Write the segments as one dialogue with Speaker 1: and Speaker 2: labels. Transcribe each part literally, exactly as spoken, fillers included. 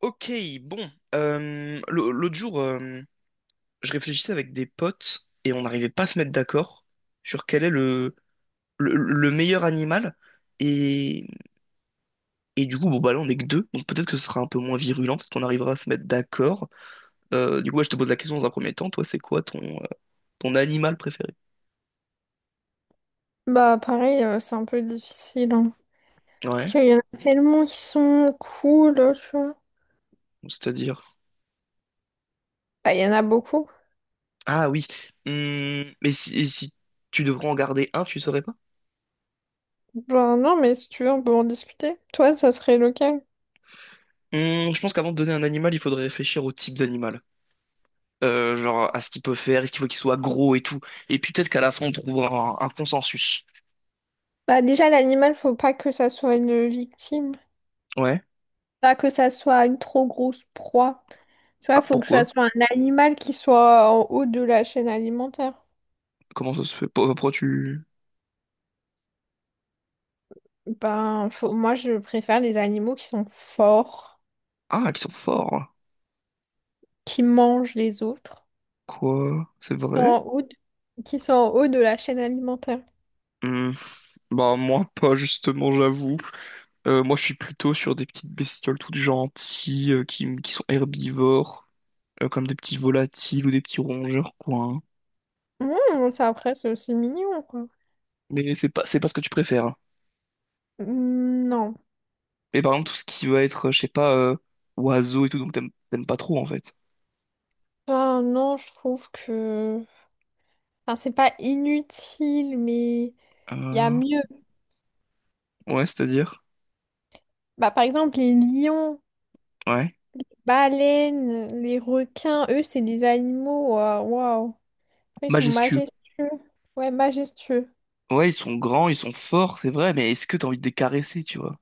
Speaker 1: Ok, bon. euh, l'au- l'autre jour, euh, je réfléchissais avec des potes et on n'arrivait pas à se mettre d'accord sur quel est le, le, le meilleur animal. Et, et du coup, bon, bah là, on n'est que deux, donc peut-être que ce sera un peu moins virulent, peut-être qu'on arrivera à se mettre d'accord. Euh, du coup, ouais, je te pose la question dans un premier temps. Toi, c'est quoi ton, euh, ton animal préféré?
Speaker 2: Bah pareil, euh, c'est un peu difficile, hein. Parce
Speaker 1: Ouais,
Speaker 2: qu'il y en a tellement qui sont cool, euh, tu vois.
Speaker 1: c'est-à-dire.
Speaker 2: Bah il y en a beaucoup.
Speaker 1: Ah oui. Hum, mais si, et si tu devrais en garder un, tu saurais pas?
Speaker 2: Bah non, mais si tu veux, on peut en discuter. Toi, ça serait lequel?
Speaker 1: Hum, je pense qu'avant de donner un animal, il faudrait réfléchir au type d'animal. Euh, genre à ce qu'il peut faire, est-ce qu'il faut qu'il soit gros et tout. Et puis peut-être qu'à la fin, on trouvera un, un consensus.
Speaker 2: Bah déjà, l'animal, faut pas que ça soit une victime.
Speaker 1: Ouais.
Speaker 2: Pas que ça soit une trop grosse proie. Tu vois,
Speaker 1: Ah,
Speaker 2: faut que ça
Speaker 1: pourquoi?
Speaker 2: soit un animal qui soit en haut de la chaîne alimentaire.
Speaker 1: Comment ça se fait? Pour- Pourquoi tu...
Speaker 2: Ben, faut- moi, je préfère les animaux qui sont forts,
Speaker 1: Ah, qu'ils sont forts.
Speaker 2: qui mangent les autres,
Speaker 1: Quoi? C'est
Speaker 2: qui sont
Speaker 1: vrai?
Speaker 2: en haut de- qui sont en haut de la chaîne alimentaire.
Speaker 1: Hmm. Bah moi pas justement j'avoue. Euh, moi je suis plutôt sur des petites bestioles toutes gentilles euh, qui, qui sont herbivores, euh, comme des petits volatiles ou des petits rongeurs quoi, hein.
Speaker 2: Mmh, ça après, c'est aussi mignon, quoi.
Speaker 1: Mais c'est pas c'est pas ce que tu préfères, hein.
Speaker 2: Mmh, non.
Speaker 1: Et par exemple tout ce qui va être euh, je sais pas, euh, oiseau et tout donc t'aimes t'aimes pas trop en fait.
Speaker 2: Enfin, non, je trouve que... Enfin, c'est pas inutile, mais il y a
Speaker 1: Euh,
Speaker 2: mieux.
Speaker 1: ouais, c'est-à-dire.
Speaker 2: Bah, par exemple, les lions,
Speaker 1: Ouais.
Speaker 2: baleines, les requins, eux, c'est des animaux. euh, Waouh. Ils sont
Speaker 1: Majestueux.
Speaker 2: majestueux. Ouais, majestueux.
Speaker 1: Ouais, ils sont grands, ils sont forts, c'est vrai, mais est-ce que t'as envie de les caresser, tu vois?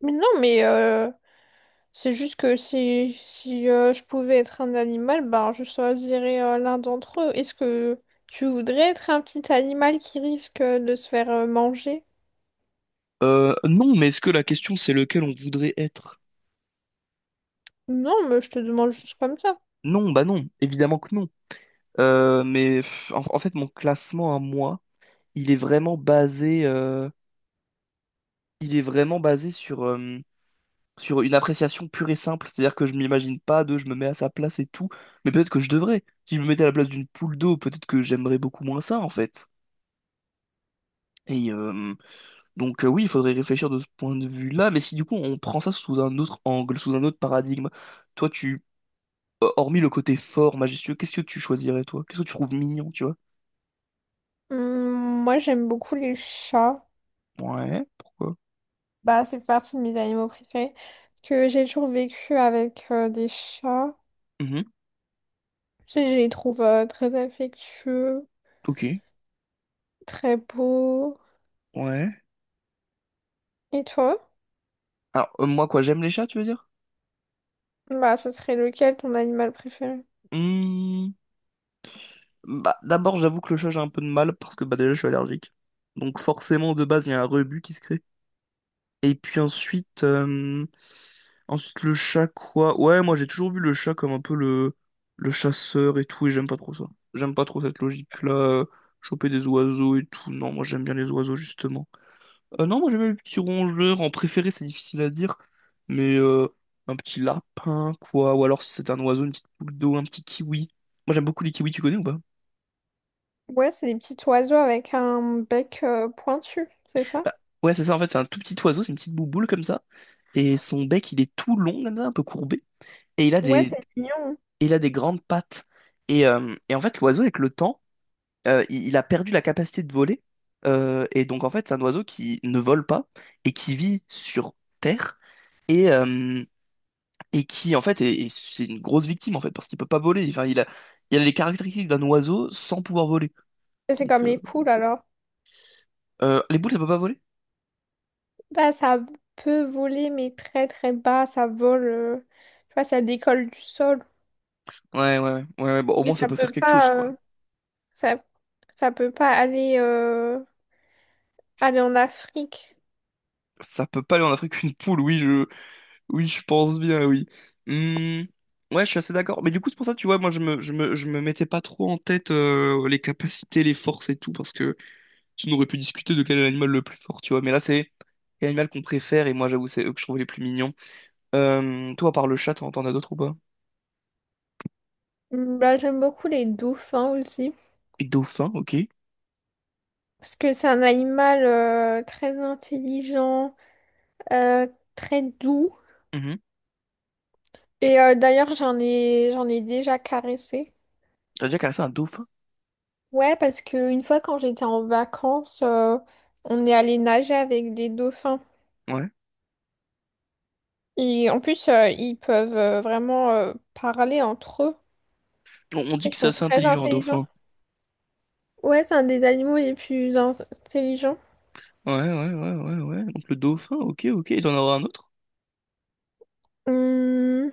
Speaker 2: Mais non, mais euh, c'est juste que si, si euh, je pouvais être un animal, bah, je choisirais euh, l'un d'entre eux. Est-ce que tu voudrais être un petit animal qui risque euh, de se faire euh, manger?
Speaker 1: Euh, non, mais est-ce que la question c'est lequel on voudrait être?
Speaker 2: Non, mais je te demande juste comme ça.
Speaker 1: Non, bah non, évidemment que non. Euh, mais pff, en, en fait, mon classement à moi, il est vraiment basé, euh, il est vraiment basé sur, euh, sur une appréciation pure et simple. C'est-à-dire que je m'imagine pas de, je me mets à sa place et tout. Mais peut-être que je devrais. Si je me mettais à la place d'une poule d'eau, peut-être que j'aimerais beaucoup moins ça, en fait. Et, euh, Donc euh, oui, il faudrait réfléchir de ce point de vue-là, mais si du coup on prend ça sous un autre angle, sous un autre paradigme, toi tu, euh, hormis le côté fort, majestueux, qu'est-ce que tu choisirais toi? Qu'est-ce que tu trouves mignon, tu vois?
Speaker 2: Hum, moi, j'aime beaucoup les chats.
Speaker 1: Ouais, pourquoi?
Speaker 2: Bah, c'est partie de mes animaux préférés. Que j'ai toujours vécu avec euh, des chats.
Speaker 1: Mhm,
Speaker 2: Tu sais, je les trouve euh, très affectueux,
Speaker 1: ok,
Speaker 2: très beaux.
Speaker 1: ouais.
Speaker 2: Et toi?
Speaker 1: Alors euh, moi quoi, j'aime les chats, tu veux dire?
Speaker 2: Bah, ce serait lequel ton animal préféré?
Speaker 1: Hmm, bah d'abord j'avoue que le chat j'ai un peu de mal parce que bah déjà je suis allergique, donc forcément de base il y a un rebut qui se crée. Et puis ensuite, euh, ensuite le chat quoi? Ouais, moi j'ai toujours vu le chat comme un peu le, le chasseur et tout, et j'aime pas trop ça. J'aime pas trop cette logique-là, euh, choper des oiseaux et tout. Non, moi j'aime bien les oiseaux justement. Euh, non, moi j'aime bien les petits rongeurs. En préféré, c'est difficile à dire, mais euh, un petit lapin quoi, ou alors si c'est un oiseau, une petite boule d'eau, un petit kiwi. Moi j'aime beaucoup les kiwis, tu connais ou pas?
Speaker 2: Ouais, c'est des petits oiseaux avec un bec euh, pointu, c'est ça?
Speaker 1: Bah, ouais, c'est ça en fait, c'est un tout petit oiseau, c'est une petite bouboule comme ça, et son bec il est tout long comme ça, un peu courbé. Et il a
Speaker 2: Ouais,
Speaker 1: des,
Speaker 2: c'est mignon.
Speaker 1: il a des grandes pattes. Et, euh, et en fait, l'oiseau, avec le temps, euh, il, il a perdu la capacité de voler. Euh, et donc, en fait, c'est un oiseau qui ne vole pas et qui vit sur Terre et, euh, et qui, en fait, est, est- c'est une grosse victime, en fait, parce qu'il peut pas voler. Enfin, il a, il a les caractéristiques d'un oiseau sans pouvoir voler.
Speaker 2: Et c'est
Speaker 1: Donc,
Speaker 2: comme
Speaker 1: euh,
Speaker 2: les poules alors.
Speaker 1: euh, les boules, elles peuvent pas voler?
Speaker 2: Bah, ça peut voler, mais très très bas. Ça vole, euh, tu vois, ça décolle du sol.
Speaker 1: Ouais, ouais, ouais, ouais, ouais, bon, au
Speaker 2: Mais
Speaker 1: moins, ça
Speaker 2: ça
Speaker 1: peut faire
Speaker 2: peut
Speaker 1: quelque chose,
Speaker 2: pas,
Speaker 1: quoi.
Speaker 2: euh, ça, ça peut pas aller, euh, aller en Afrique.
Speaker 1: Ça peut pas aller en Afrique une poule, oui, je, oui, je pense bien, oui. Hmm, ouais, je suis assez d'accord. Mais du coup, c'est pour ça, tu vois, moi, je me, je me, je me mettais pas trop en tête euh, les capacités, les forces et tout, parce que sinon, on aurait pu discuter de quel est l'animal le plus fort, tu vois. Mais là, c'est l'animal qu'on préfère, et moi, j'avoue, c'est eux que je trouve les plus mignons. Euh, toi, à part le chat, t'en t'en as d'autres ou pas?
Speaker 2: Mm, bah, j'aime beaucoup les dauphins aussi,
Speaker 1: Et dauphin, ok.
Speaker 2: parce que c'est un animal euh, très intelligent, euh, très doux.
Speaker 1: Mhm.
Speaker 2: Et euh, d'ailleurs, j'en ai, j'en ai déjà caressé.
Speaker 1: T'as déjà cassé un dauphin?
Speaker 2: Ouais, parce qu'une fois quand j'étais en vacances, euh, on est allé nager avec des dauphins.
Speaker 1: Ouais.
Speaker 2: Et en plus, euh, ils peuvent euh, vraiment euh, parler entre eux.
Speaker 1: On, on dit
Speaker 2: Ils
Speaker 1: que c'est
Speaker 2: sont
Speaker 1: assez
Speaker 2: très
Speaker 1: intelligent, un
Speaker 2: intelligents.
Speaker 1: dauphin.
Speaker 2: Ouais, c'est un des animaux les plus in- intelligents.
Speaker 1: Ouais, ouais, ouais, ouais, ouais. Donc, le dauphin, ok, ok. Et t'en auras un autre?
Speaker 2: Hum,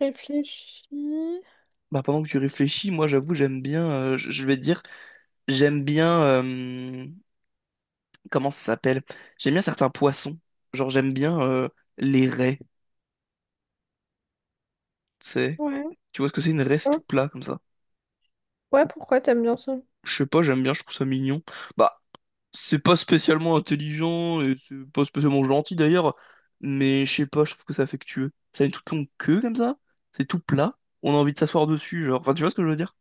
Speaker 2: réfléchis.
Speaker 1: Bah, pendant que tu réfléchis, moi, j'avoue, j'aime bien, euh, je je vais te dire. J'aime bien. Euh, comment ça s'appelle? J'aime bien certains poissons. Genre, j'aime bien euh, les raies. Tu sais.
Speaker 2: Ouais.
Speaker 1: Tu vois ce que c'est une raie, c'est tout
Speaker 2: Hein.
Speaker 1: plat comme ça.
Speaker 2: Ouais, pourquoi t'aimes bien ça?
Speaker 1: Je sais pas, j'aime bien, je trouve ça mignon. Bah, c'est pas spécialement intelligent et c'est pas spécialement gentil d'ailleurs. Mais je sais pas, je trouve que c'est affectueux. Ça a une toute longue queue comme ça. C'est tout plat. On a envie de s'asseoir dessus, genre. Enfin, tu vois ce que je veux dire?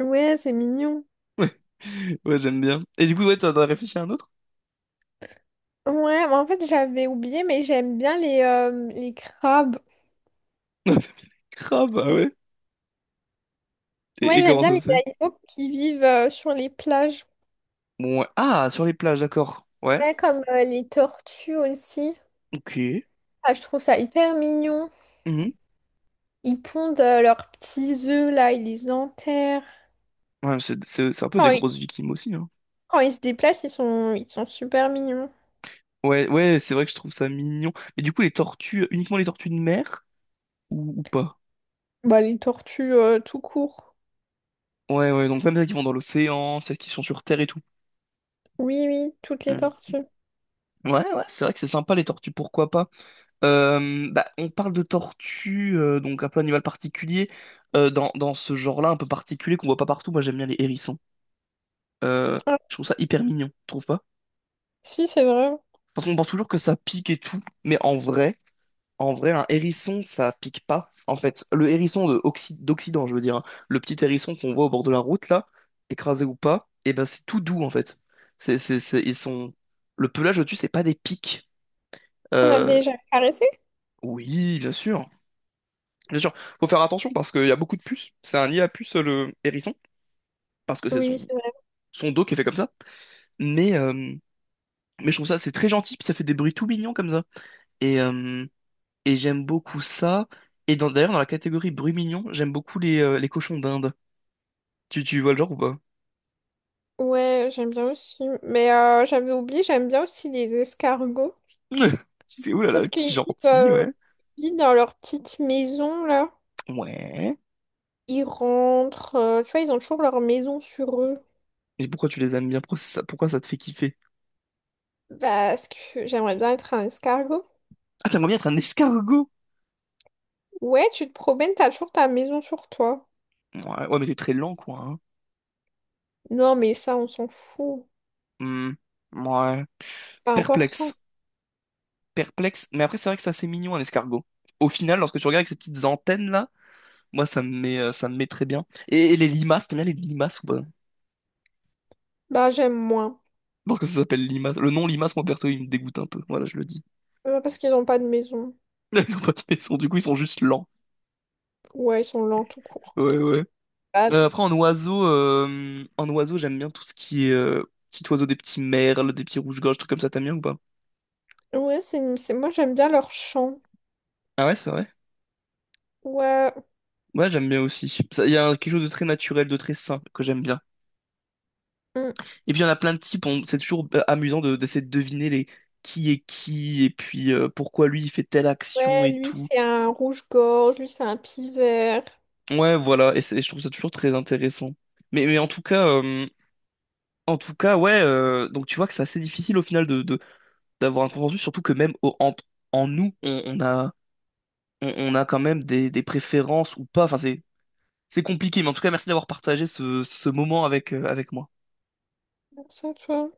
Speaker 2: Ouais, c'est mignon.
Speaker 1: Ouais, ouais, j'aime bien. Et du coup, ouais, t'en as réfléchi à un autre?
Speaker 2: Ouais, mais en fait, j'avais oublié, mais j'aime bien les, euh, les crabes.
Speaker 1: Non, crabe, ah ouais. Et,
Speaker 2: Ouais,
Speaker 1: et
Speaker 2: j'aime
Speaker 1: comment
Speaker 2: bien
Speaker 1: ça
Speaker 2: les
Speaker 1: se fait?
Speaker 2: animaux qui vivent euh, sur les plages.
Speaker 1: Bon, ouais. Ah, sur les plages, d'accord. Ouais.
Speaker 2: Ouais, comme euh, les tortues aussi.
Speaker 1: Ok.
Speaker 2: Ah, je trouve ça hyper mignon.
Speaker 1: Mhm.
Speaker 2: Ils pondent euh, leurs petits œufs là, ils les enterrent.
Speaker 1: Ouais, c'est c'est- c'est un peu des
Speaker 2: Quand ils,
Speaker 1: grosses victimes aussi, hein.
Speaker 2: quand ils se déplacent, ils sont, ils sont super mignons.
Speaker 1: Ouais, ouais, c'est vrai que je trouve ça mignon. Mais du coup, les tortues, uniquement les tortues de mer ou, ou pas?
Speaker 2: Bah, les tortues euh, tout court.
Speaker 1: Ouais, ouais, donc même celles qui vont dans l'océan, celles qui sont sur Terre et tout.
Speaker 2: Oui, oui, toutes les
Speaker 1: Mhm.
Speaker 2: tortues.
Speaker 1: Ouais, ouais, c'est vrai que c'est sympa les tortues, pourquoi pas? Euh, bah, on parle de tortues, euh, donc un peu animal particulier, euh, dans, dans ce genre-là, un peu particulier qu'on voit pas partout. Moi, j'aime bien les hérissons. Euh,
Speaker 2: Ah,
Speaker 1: je trouve ça hyper mignon, tu trouves pas?
Speaker 2: si, c'est vrai.
Speaker 1: Parce qu'on pense toujours que ça pique et tout, mais en vrai. En vrai, un hérisson, ça pique pas. En fait, le hérisson de Occi- d'Occident, je veux dire, hein. Le petit hérisson qu'on voit au bord de la route, là, écrasé ou pas, et ben c'est tout doux, en fait. C'est, c'est, c'est- ils sont... Le pelage au-dessus, c'est pas des pics.
Speaker 2: On a
Speaker 1: Euh,
Speaker 2: déjà caressé?
Speaker 1: Oui, bien sûr. Bien sûr, faut faire attention parce qu'il y a beaucoup de puces. C'est un nid à puces, le hérisson, parce que c'est
Speaker 2: Oui,
Speaker 1: son...
Speaker 2: c'est vrai.
Speaker 1: son dos qui est fait comme ça. Mais, euh, Mais je trouve ça, c'est très gentil, puis ça fait des bruits tout mignons comme ça. Et, euh, et j'aime beaucoup ça. Et dans- d'ailleurs, dans la catégorie bruit mignon, j'aime beaucoup les, euh, les cochons d'Inde. Tu, tu vois le genre ou pas?
Speaker 2: Ouais, j'aime bien aussi. Mais euh, j'avais oublié, j'aime bien aussi les escargots.
Speaker 1: C'est oulala,
Speaker 2: Parce
Speaker 1: petit
Speaker 2: qu'ils vivent,
Speaker 1: gentil,
Speaker 2: euh,
Speaker 1: ouais.
Speaker 2: ils vivent dans leur petite maison, là.
Speaker 1: Ouais.
Speaker 2: Ils rentrent, euh, tu vois, ils ont toujours leur maison sur eux.
Speaker 1: Mais pourquoi tu les aimes bien? Pourquoi ça, pourquoi ça te fait kiffer?
Speaker 2: Parce que j'aimerais bien être un escargot.
Speaker 1: Ah, t'aimerais bien être un escargot?
Speaker 2: Ouais, tu te promènes, t'as toujours ta maison sur toi.
Speaker 1: Ouais, ouais, mais t'es très lent, quoi, hein.
Speaker 2: Non, mais ça, on s'en fout.
Speaker 1: Hmm, ouais.
Speaker 2: Pas important.
Speaker 1: Perplexe. Perplexe. Mais après, c'est vrai que c'est assez mignon, un escargot. Au final, lorsque tu regardes avec ces petites antennes-là, moi, ça me met, euh, ça me met très bien. Et, et les limaces, t'aimes bien les limaces ou pas?
Speaker 2: Bah, j'aime moins.
Speaker 1: Parce que ça s'appelle limace. Le nom limace, moi, perso, il me dégoûte un peu. Voilà, je le dis.
Speaker 2: Euh, Parce qu'ils n'ont pas de maison.
Speaker 1: Ils ont pas de maison, du coup, ils sont juste lents.
Speaker 2: Ouais, ils sont lents tout court.
Speaker 1: Ouais, ouais.
Speaker 2: Bah,
Speaker 1: Euh, après, en oiseau, euh, en oiseau, j'aime bien tout ce qui est euh, petit oiseau, des petits merles, des petits rouges-gorges, trucs comme ça. T'aimes bien ou pas?
Speaker 2: ouais, c'est, c'est- moi j'aime bien leur chant.
Speaker 1: Ah ouais, c'est vrai.
Speaker 2: Ouais,
Speaker 1: Ouais, j'aime bien aussi. Ça- Il y a un- Quelque chose de très naturel, de très sain que j'aime bien.
Speaker 2: mm.
Speaker 1: Et puis, il y en a plein de types. on- C'est toujours euh, amusant de- d'essayer de deviner les qui est qui et puis euh, pourquoi lui il fait telle action
Speaker 2: Ouais,
Speaker 1: et
Speaker 2: lui
Speaker 1: tout.
Speaker 2: c'est un rouge-gorge, lui c'est un pivert.
Speaker 1: Ouais, voilà. Et, c'est- et je trouve ça toujours très intéressant. Mais, mais en tout cas, euh, en tout cas, ouais. Euh, donc, tu vois que c'est assez difficile au final de, de d'avoir un consensus, surtout que même au- en, en nous, on, on a, on, on a quand même des, des préférences ou pas. Enfin, c'est, c'est compliqué, mais en tout cas, merci d'avoir partagé ce, ce moment avec, euh, avec moi.
Speaker 2: Comme ça, tu vois.